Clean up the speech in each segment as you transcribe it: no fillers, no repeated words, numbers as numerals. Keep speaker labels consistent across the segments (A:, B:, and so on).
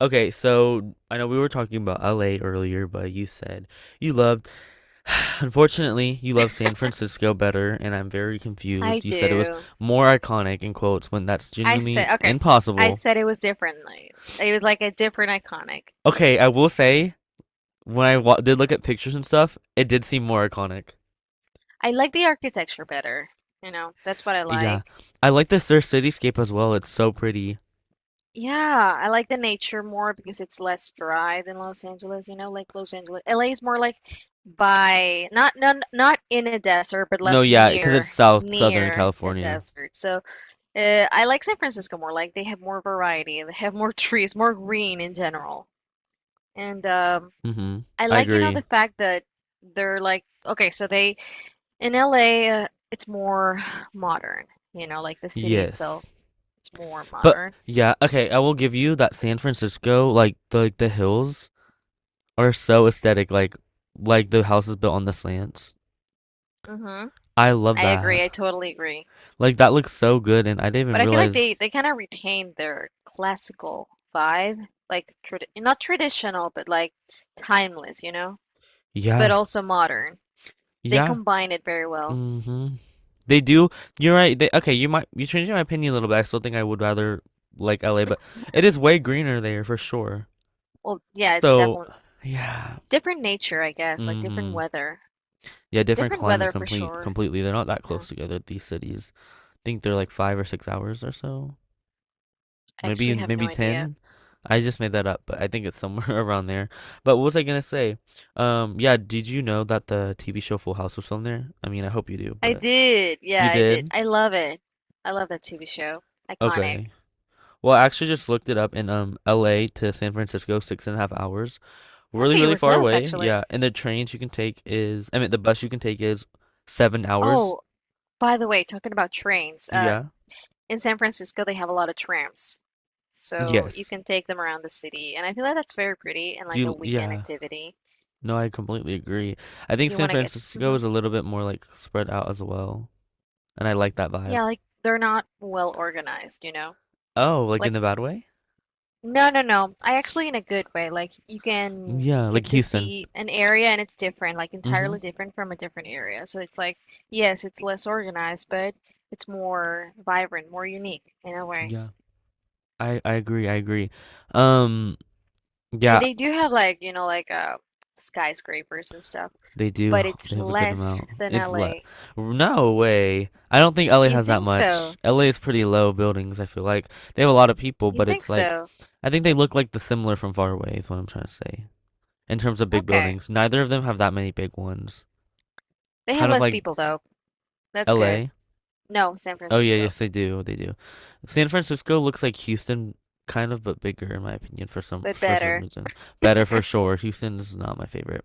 A: Okay, so I know we were talking about LA earlier, but you said you loved, unfortunately, you love San Francisco better, and I'm very
B: I
A: confused. You said it was
B: do.
A: more iconic in quotes when that's
B: I
A: genuinely
B: said, okay. I
A: impossible.
B: said it was differently. It was like a different iconic.
A: Okay, I will say when I wa did look at pictures and stuff, it did seem more iconic.
B: I like the architecture better. You know, that's what I
A: Yeah,
B: like.
A: I like this their cityscape as well. It's so pretty.
B: Yeah, I like the nature more because it's less dry than Los Angeles, you know, like Los Angeles. LA is more like by not in a desert, but
A: No,
B: like
A: yeah, because it's
B: near
A: Southern
B: near a
A: California.
B: desert. So, I like San Francisco more. Like they have more variety, they have more trees, more green in general. And
A: Mm-hmm.
B: I
A: I
B: like, you know,
A: agree.
B: the fact that they're like, okay, so they in LA, it's more modern, you know, like the city itself,
A: Yes.
B: it's more
A: But
B: modern.
A: yeah, okay, I will give you that San Francisco, like the hills are so aesthetic, like the houses built on the slants.
B: Hmm.
A: I love
B: I
A: that.
B: agree. I totally agree.
A: Like that looks so good, and I didn't even
B: But I feel like they
A: realize.
B: they kind of retained their classical vibe, like trad not traditional, but like timeless, you know, but
A: Yeah,
B: also modern. They
A: yeah.
B: combine it very well.
A: Hmm. They do. You're right. They okay. You changed my opinion a little bit. I still think I would rather like LA, but it is way greener there for sure.
B: Well, yeah, it's
A: So
B: definitely
A: yeah.
B: different nature, I guess, like
A: Hmm. Yeah, different
B: different
A: climate
B: weather for
A: complete
B: sure.
A: completely. They're not that
B: Yeah,
A: close together, these cities. I think they're like 5 or 6 hours or so.
B: I
A: Maybe
B: actually have no
A: maybe
B: idea.
A: 10. I just made that up, but I think it's somewhere around there. But what was I gonna say? Yeah, did you know that the TV show Full House was filmed there? I mean, I hope you do,
B: I
A: but
B: did. Yeah,
A: you
B: I did.
A: did?
B: I love it. I love that TV show. Iconic.
A: Okay. Well, I actually just looked it up in LA to San Francisco, six and a half hours. Really,
B: Okay, you
A: really
B: were
A: far
B: close
A: away.
B: actually.
A: Yeah. And the trains you can take is, I mean, the bus you can take is 7 hours.
B: Oh, by the way, talking about trains,
A: Yeah.
B: in San Francisco they have a lot of trams. So you
A: Yes.
B: can take them around the city, and I feel like that's very pretty and
A: Do
B: like a
A: you,
B: weekend
A: yeah.
B: activity
A: No, I completely agree. I
B: if
A: think
B: you
A: San
B: want to get.
A: Francisco
B: Hmm.
A: is a little bit more like spread out as well, and I like that vibe.
B: Yeah, like they're not well organized, you know?
A: Oh, like in
B: Like
A: the bad way?
B: no, no, no. I actually in a good way. Like you can
A: Yeah, like
B: get to
A: Houston.
B: see an area and it's different, like
A: Mm-hmm.
B: entirely different from a different area. So it's like, yes, it's less organized, but it's more vibrant, more unique in a way.
A: Yeah. I agree. I agree. Um,
B: And
A: yeah,
B: they do have like, you know, like skyscrapers and stuff,
A: they do.
B: but it's
A: They have a good
B: less
A: amount.
B: than
A: It's let.
B: LA.
A: No way. I don't think LA
B: You
A: has that
B: think
A: much.
B: so?
A: LA is pretty low buildings, I feel like. They have a lot of people,
B: You
A: but
B: think
A: it's like
B: so?
A: I think they look like the similar from far away is what I'm trying to say. In terms of big
B: Okay.
A: buildings, neither of them have that many big ones.
B: They
A: Kind
B: have
A: of
B: less
A: like
B: people though. That's good.
A: LA?
B: No, San
A: Oh yeah,
B: Francisco,
A: yes they do. They do. San Francisco looks like Houston kind of but bigger in my opinion for some
B: but
A: for some
B: better.
A: reason. Better for sure. Houston is not my favorite.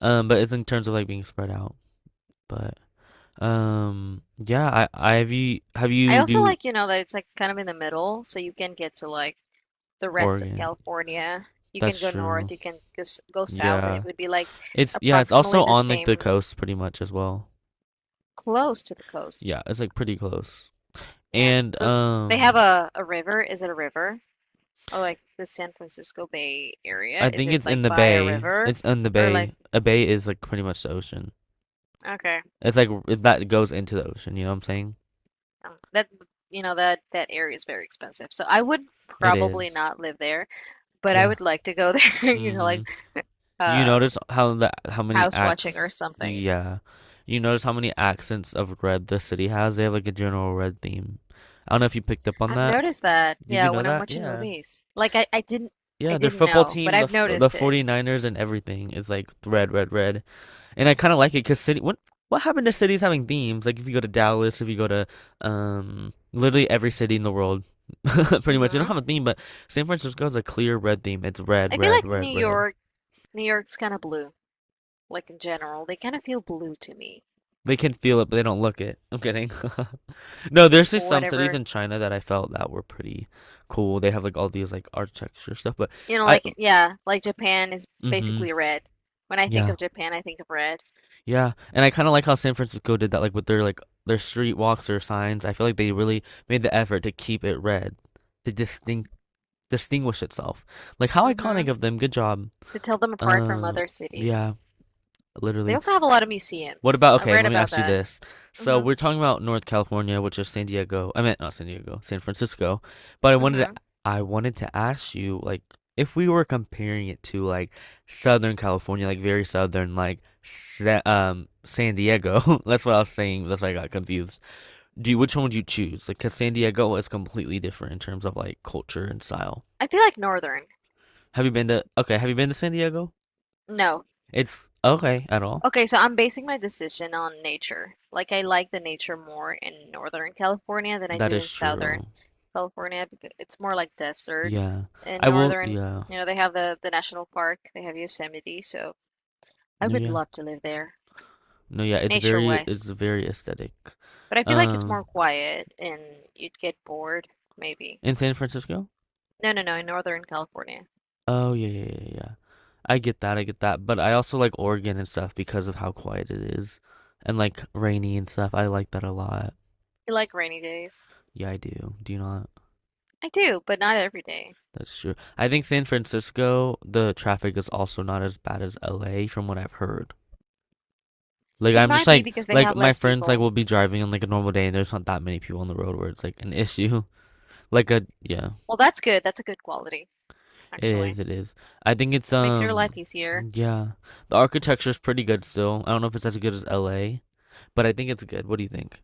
A: But it's in terms of like being spread out. But yeah, I have you have
B: I
A: you
B: also
A: do
B: like, you know, that it's like kind of in the middle, so you can get to like the rest of
A: Oregon.
B: California. You can
A: That's
B: go north,
A: true.
B: you can just go south, and it
A: Yeah.
B: would be like
A: It's
B: approximately
A: also
B: the
A: on like the
B: same
A: coast pretty much as well.
B: close to the coast.
A: Yeah, it's like pretty close.
B: Yeah.
A: And
B: So they have a river. Is it a river? Or like the San Francisco Bay Area?
A: I
B: Is
A: think
B: it
A: it's in
B: like
A: the
B: by a
A: bay.
B: river?
A: It's in the
B: Or like,
A: bay. A bay is like pretty much the ocean.
B: okay.
A: It's like if that goes into the ocean, you know what I'm saying?
B: That, you know, that area is very expensive. So I would
A: It
B: probably
A: is.
B: not live there, but I
A: Yeah.
B: would like to go there, you know,
A: Mm-hmm.
B: like
A: You
B: uh
A: notice how the how many
B: house watching or
A: acts,
B: something.
A: yeah. You notice how many accents of red the city has? They have like a general red theme. I don't know if you picked up on
B: I've
A: that.
B: noticed that.
A: Did you
B: Yeah,
A: know
B: when I'm
A: that?
B: watching
A: Yeah.
B: movies. Like I didn't I
A: Yeah, their
B: didn't
A: football
B: know, but
A: team, the
B: I've
A: f- the
B: noticed it.
A: 49ers and everything is like red, red, red. And I kind of like it because city. What happened to cities having themes? Like if you go to Dallas, if you go to literally every city in the world, pretty much they don't
B: Hmm.
A: have a theme. But San Francisco has a clear red theme. It's red,
B: I feel
A: red,
B: like
A: red,
B: New
A: red.
B: York, New York's kind of blue, like in general. They kind of feel blue to me.
A: They can feel it, but they don't look it. I'm kidding. No, there's just some cities
B: Whatever.
A: in China that I felt that were pretty cool. They have like all these like architecture stuff, but
B: You know,
A: I,
B: like yeah, like Japan is
A: mm-hmm,
B: basically red. When I think
A: yeah.
B: of Japan, I think of red.
A: Yeah, and I kind of like how San Francisco did that, like with their street walks or signs. I feel like they really made the effort to keep it red, to distinct distinguish itself. Like how iconic
B: Hmm.
A: of them. Good job.
B: To tell them apart from
A: Uh,
B: other
A: yeah,
B: cities. They
A: literally.
B: also have a lot of
A: What
B: museums.
A: about,
B: I've
A: okay,
B: read
A: let me
B: about
A: ask you
B: that.
A: this. So
B: Hmm.
A: we're talking about North California, which is San Diego. I meant not San Diego, San Francisco. But I wanted to
B: Hmm.
A: I wanted to ask you, like, if we were comparing it to like Southern California, like very southern, like Sa San Diego. That's what I was saying. That's why I got confused. Do you, which one would you choose? Like because San Diego is completely different in terms of like culture and style.
B: I feel like northern.
A: Have you been to San Diego?
B: No,
A: It's okay at all.
B: okay, so I'm basing my decision on nature. Like I like the nature more in Northern California than I
A: That
B: do in
A: is
B: Southern
A: true.
B: California because it's more like desert.
A: Yeah.
B: In
A: I will,
B: Northern,
A: yeah.
B: you know, they have the national park, they have Yosemite, so I
A: No,
B: would
A: yeah.
B: love to live there,
A: No, yeah. It's very
B: nature-wise.
A: it's very aesthetic.
B: But I feel like it's
A: Um,
B: more quiet and you'd get bored, maybe.
A: in San Francisco?
B: No, no, no, in Northern California.
A: Oh, yeah, yeah, yeah, yeah. I get that. I get that. But I also like Oregon and stuff because of how quiet it is and like rainy and stuff. I like that a lot.
B: You like rainy days.
A: Yeah, I do. Do you not?
B: I do, but not every day.
A: That's true. I think San Francisco, the traffic is also not as bad as LA from what I've heard. Like
B: It
A: I'm just
B: might be
A: like
B: because they
A: like
B: have
A: my
B: less
A: friends like
B: people.
A: will be driving on like a normal day and there's not that many people on the road where it's like an issue. Like a yeah.
B: Well, that's good. That's a good quality,
A: It
B: actually.
A: is, it is. I think it's
B: Makes your life easier.
A: yeah. The architecture is pretty good still. I don't know if it's as good as LA, but I think it's good. What do you think?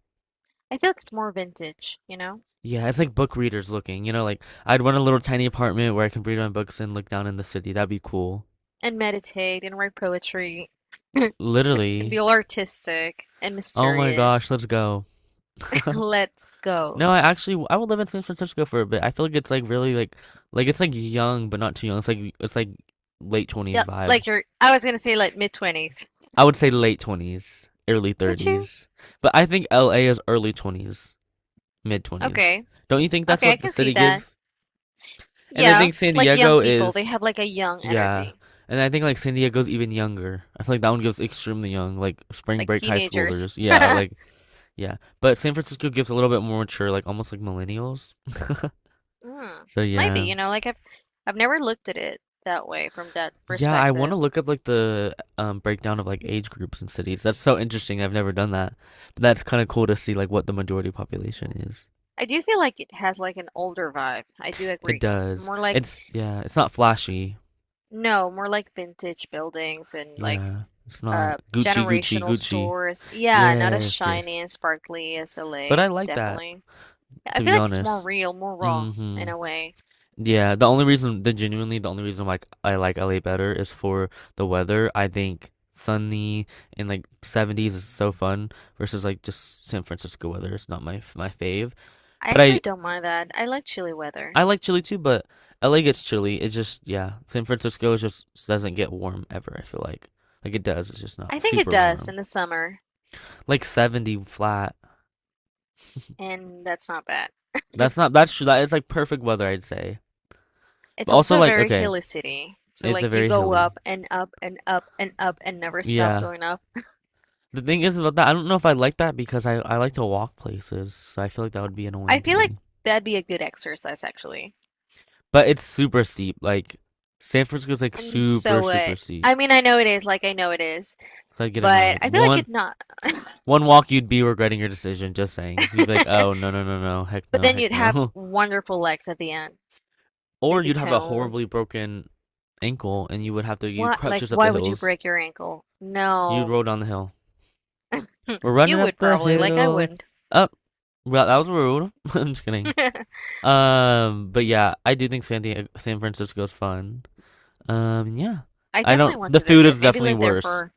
B: I feel like it's more vintage, you know?
A: Yeah, it's like book readers looking. You know, like I'd want a little tiny apartment where I can read my books and look down in the city. That'd be cool.
B: And meditate and write poetry and
A: Literally.
B: be all artistic and
A: Oh my gosh,
B: mysterious.
A: let's go.
B: Let's go.
A: No, I actually I would live in San Francisco for a bit. I feel like it's like really like it's like young but not too young. It's like late 20s
B: Yep,
A: vibe.
B: like you're, I was gonna say like mid 20s.
A: I would say late 20s, early
B: Would you?
A: 30s. But I think LA is early 20s. mid 20s.
B: Okay.
A: Don't you think that's
B: Okay, I
A: what the
B: can see
A: city
B: that.
A: gives? And I
B: Yeah,
A: think San
B: like young
A: Diego
B: people, they
A: is
B: have like a young
A: yeah.
B: energy,
A: And I think like San Diego's even younger. I feel like that one gives extremely young, like spring
B: like
A: break high
B: teenagers.
A: schoolers. Yeah, like yeah. But San Francisco gives a little bit more mature, like almost like millennials.
B: Mm,
A: So
B: might be,
A: yeah.
B: you know, like I've never looked at it that way from that
A: Yeah, I want to
B: perspective.
A: look up like the breakdown of like age groups in cities. That's so interesting. I've never done that. But that's kind of cool to see like what the majority population
B: Yeah.
A: is.
B: I do feel like it has like an older vibe. I do
A: It
B: agree.
A: does.
B: More like
A: It's not flashy.
B: no, more like vintage buildings and like
A: Yeah, it's not Gucci, Gucci,
B: generational
A: Gucci.
B: stores. Yeah, not as
A: Yes,
B: shiny
A: yes.
B: and sparkly as
A: But I
B: LA,
A: like that,
B: definitely. Yeah, I
A: to
B: feel
A: be
B: like it's more
A: honest.
B: real, more raw in
A: Hmm.
B: a way.
A: Yeah, the only reason, the genuinely, the only reason like I like LA better is for the weather. I think sunny and like 70s is so fun versus like just San Francisco weather. It's not my my fave.
B: I
A: But
B: actually
A: I
B: don't mind that. I like chilly weather.
A: I like chilly too, but LA gets chilly. It just yeah, San Francisco is just doesn't get warm ever, I feel like. Like it does, it's just
B: I
A: not
B: think it
A: super
B: does
A: warm.
B: in the summer,
A: Like 70 flat.
B: and that's not bad.
A: That's not that's true. That is like perfect weather, I'd say. But
B: It's
A: also
B: also a
A: like
B: very
A: okay,
B: hilly city. So
A: it's a
B: like you
A: very
B: go
A: hilly.
B: up and up and up and up and never stop
A: Yeah.
B: going up.
A: The thing is about that, I don't know if I like that because I like to walk places, so I feel like that would be
B: I
A: annoying to
B: feel like
A: me.
B: that'd be a good exercise actually.
A: But it's super steep. Like San Francisco's like
B: And
A: super
B: so
A: super
B: it.
A: steep,
B: I mean, I know it is, like I know it is,
A: so I'd get
B: but
A: annoyed.
B: I feel like
A: One
B: it not.
A: one walk you'd be regretting your decision. Just saying, you'd be like,
B: But
A: oh no no no no, heck no
B: then
A: heck
B: you'd have
A: no.
B: wonderful legs at the end.
A: Or
B: They'd be
A: you'd have a
B: toned.
A: horribly broken ankle and you would have to you
B: What,
A: crouch
B: like,
A: up the
B: why would you
A: hills.
B: break your ankle?
A: You'd
B: No,
A: roll down the hill. We're running
B: you
A: up
B: would
A: the
B: probably, like, I
A: hill.
B: wouldn't.
A: Up. Oh, well, that was rude. I'm just kidding. But yeah, I do think San Diego, San Francisco is fun. Yeah,
B: I
A: I don't.
B: definitely want
A: The
B: to
A: food
B: visit.
A: is
B: Maybe
A: definitely
B: live there
A: worse.
B: for,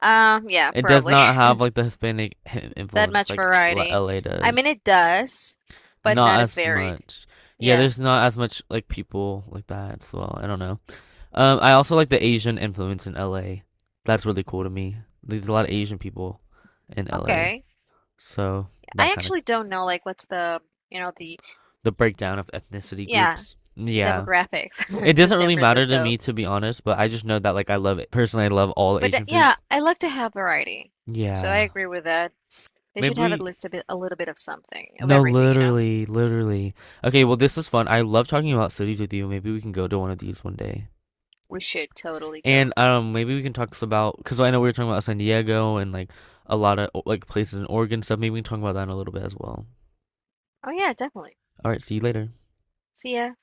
B: yeah,
A: It does
B: probably
A: not have like the Hispanic
B: that
A: influence
B: much
A: like
B: variety.
A: LA
B: I mean,
A: does.
B: it does, but
A: Not
B: not as
A: as
B: varied.
A: much. Yeah,
B: Yeah,
A: there's not as much like people like that as well. I don't know. I also like the Asian influence in LA. That's really cool to me. There's a lot of Asian people in LA,
B: okay.
A: so that
B: I
A: kind of
B: actually don't know, like, what's the, you know, the,
A: the breakdown of ethnicity
B: yeah,
A: groups.
B: the
A: Yeah.
B: demographics
A: It
B: in
A: doesn't
B: San
A: really matter to
B: Francisco.
A: me to be honest, but I just know that like I love it. Personally, I love all
B: But
A: Asian
B: yeah,
A: foods.
B: I like to have variety. So I
A: Yeah.
B: agree with that. They should
A: Maybe
B: have at
A: we
B: least a little bit of something, of
A: no,
B: everything, you know?
A: literally, literally. Okay, well this is fun. I love talking about cities with you. Maybe we can go to one of these one day.
B: We should totally
A: And
B: go.
A: maybe we can talk about cuz I know we were talking about San Diego and like a lot of like places in Oregon stuff. Maybe we can talk about that in a little bit as well.
B: Oh yeah, definitely.
A: All right, see you later.
B: See ya.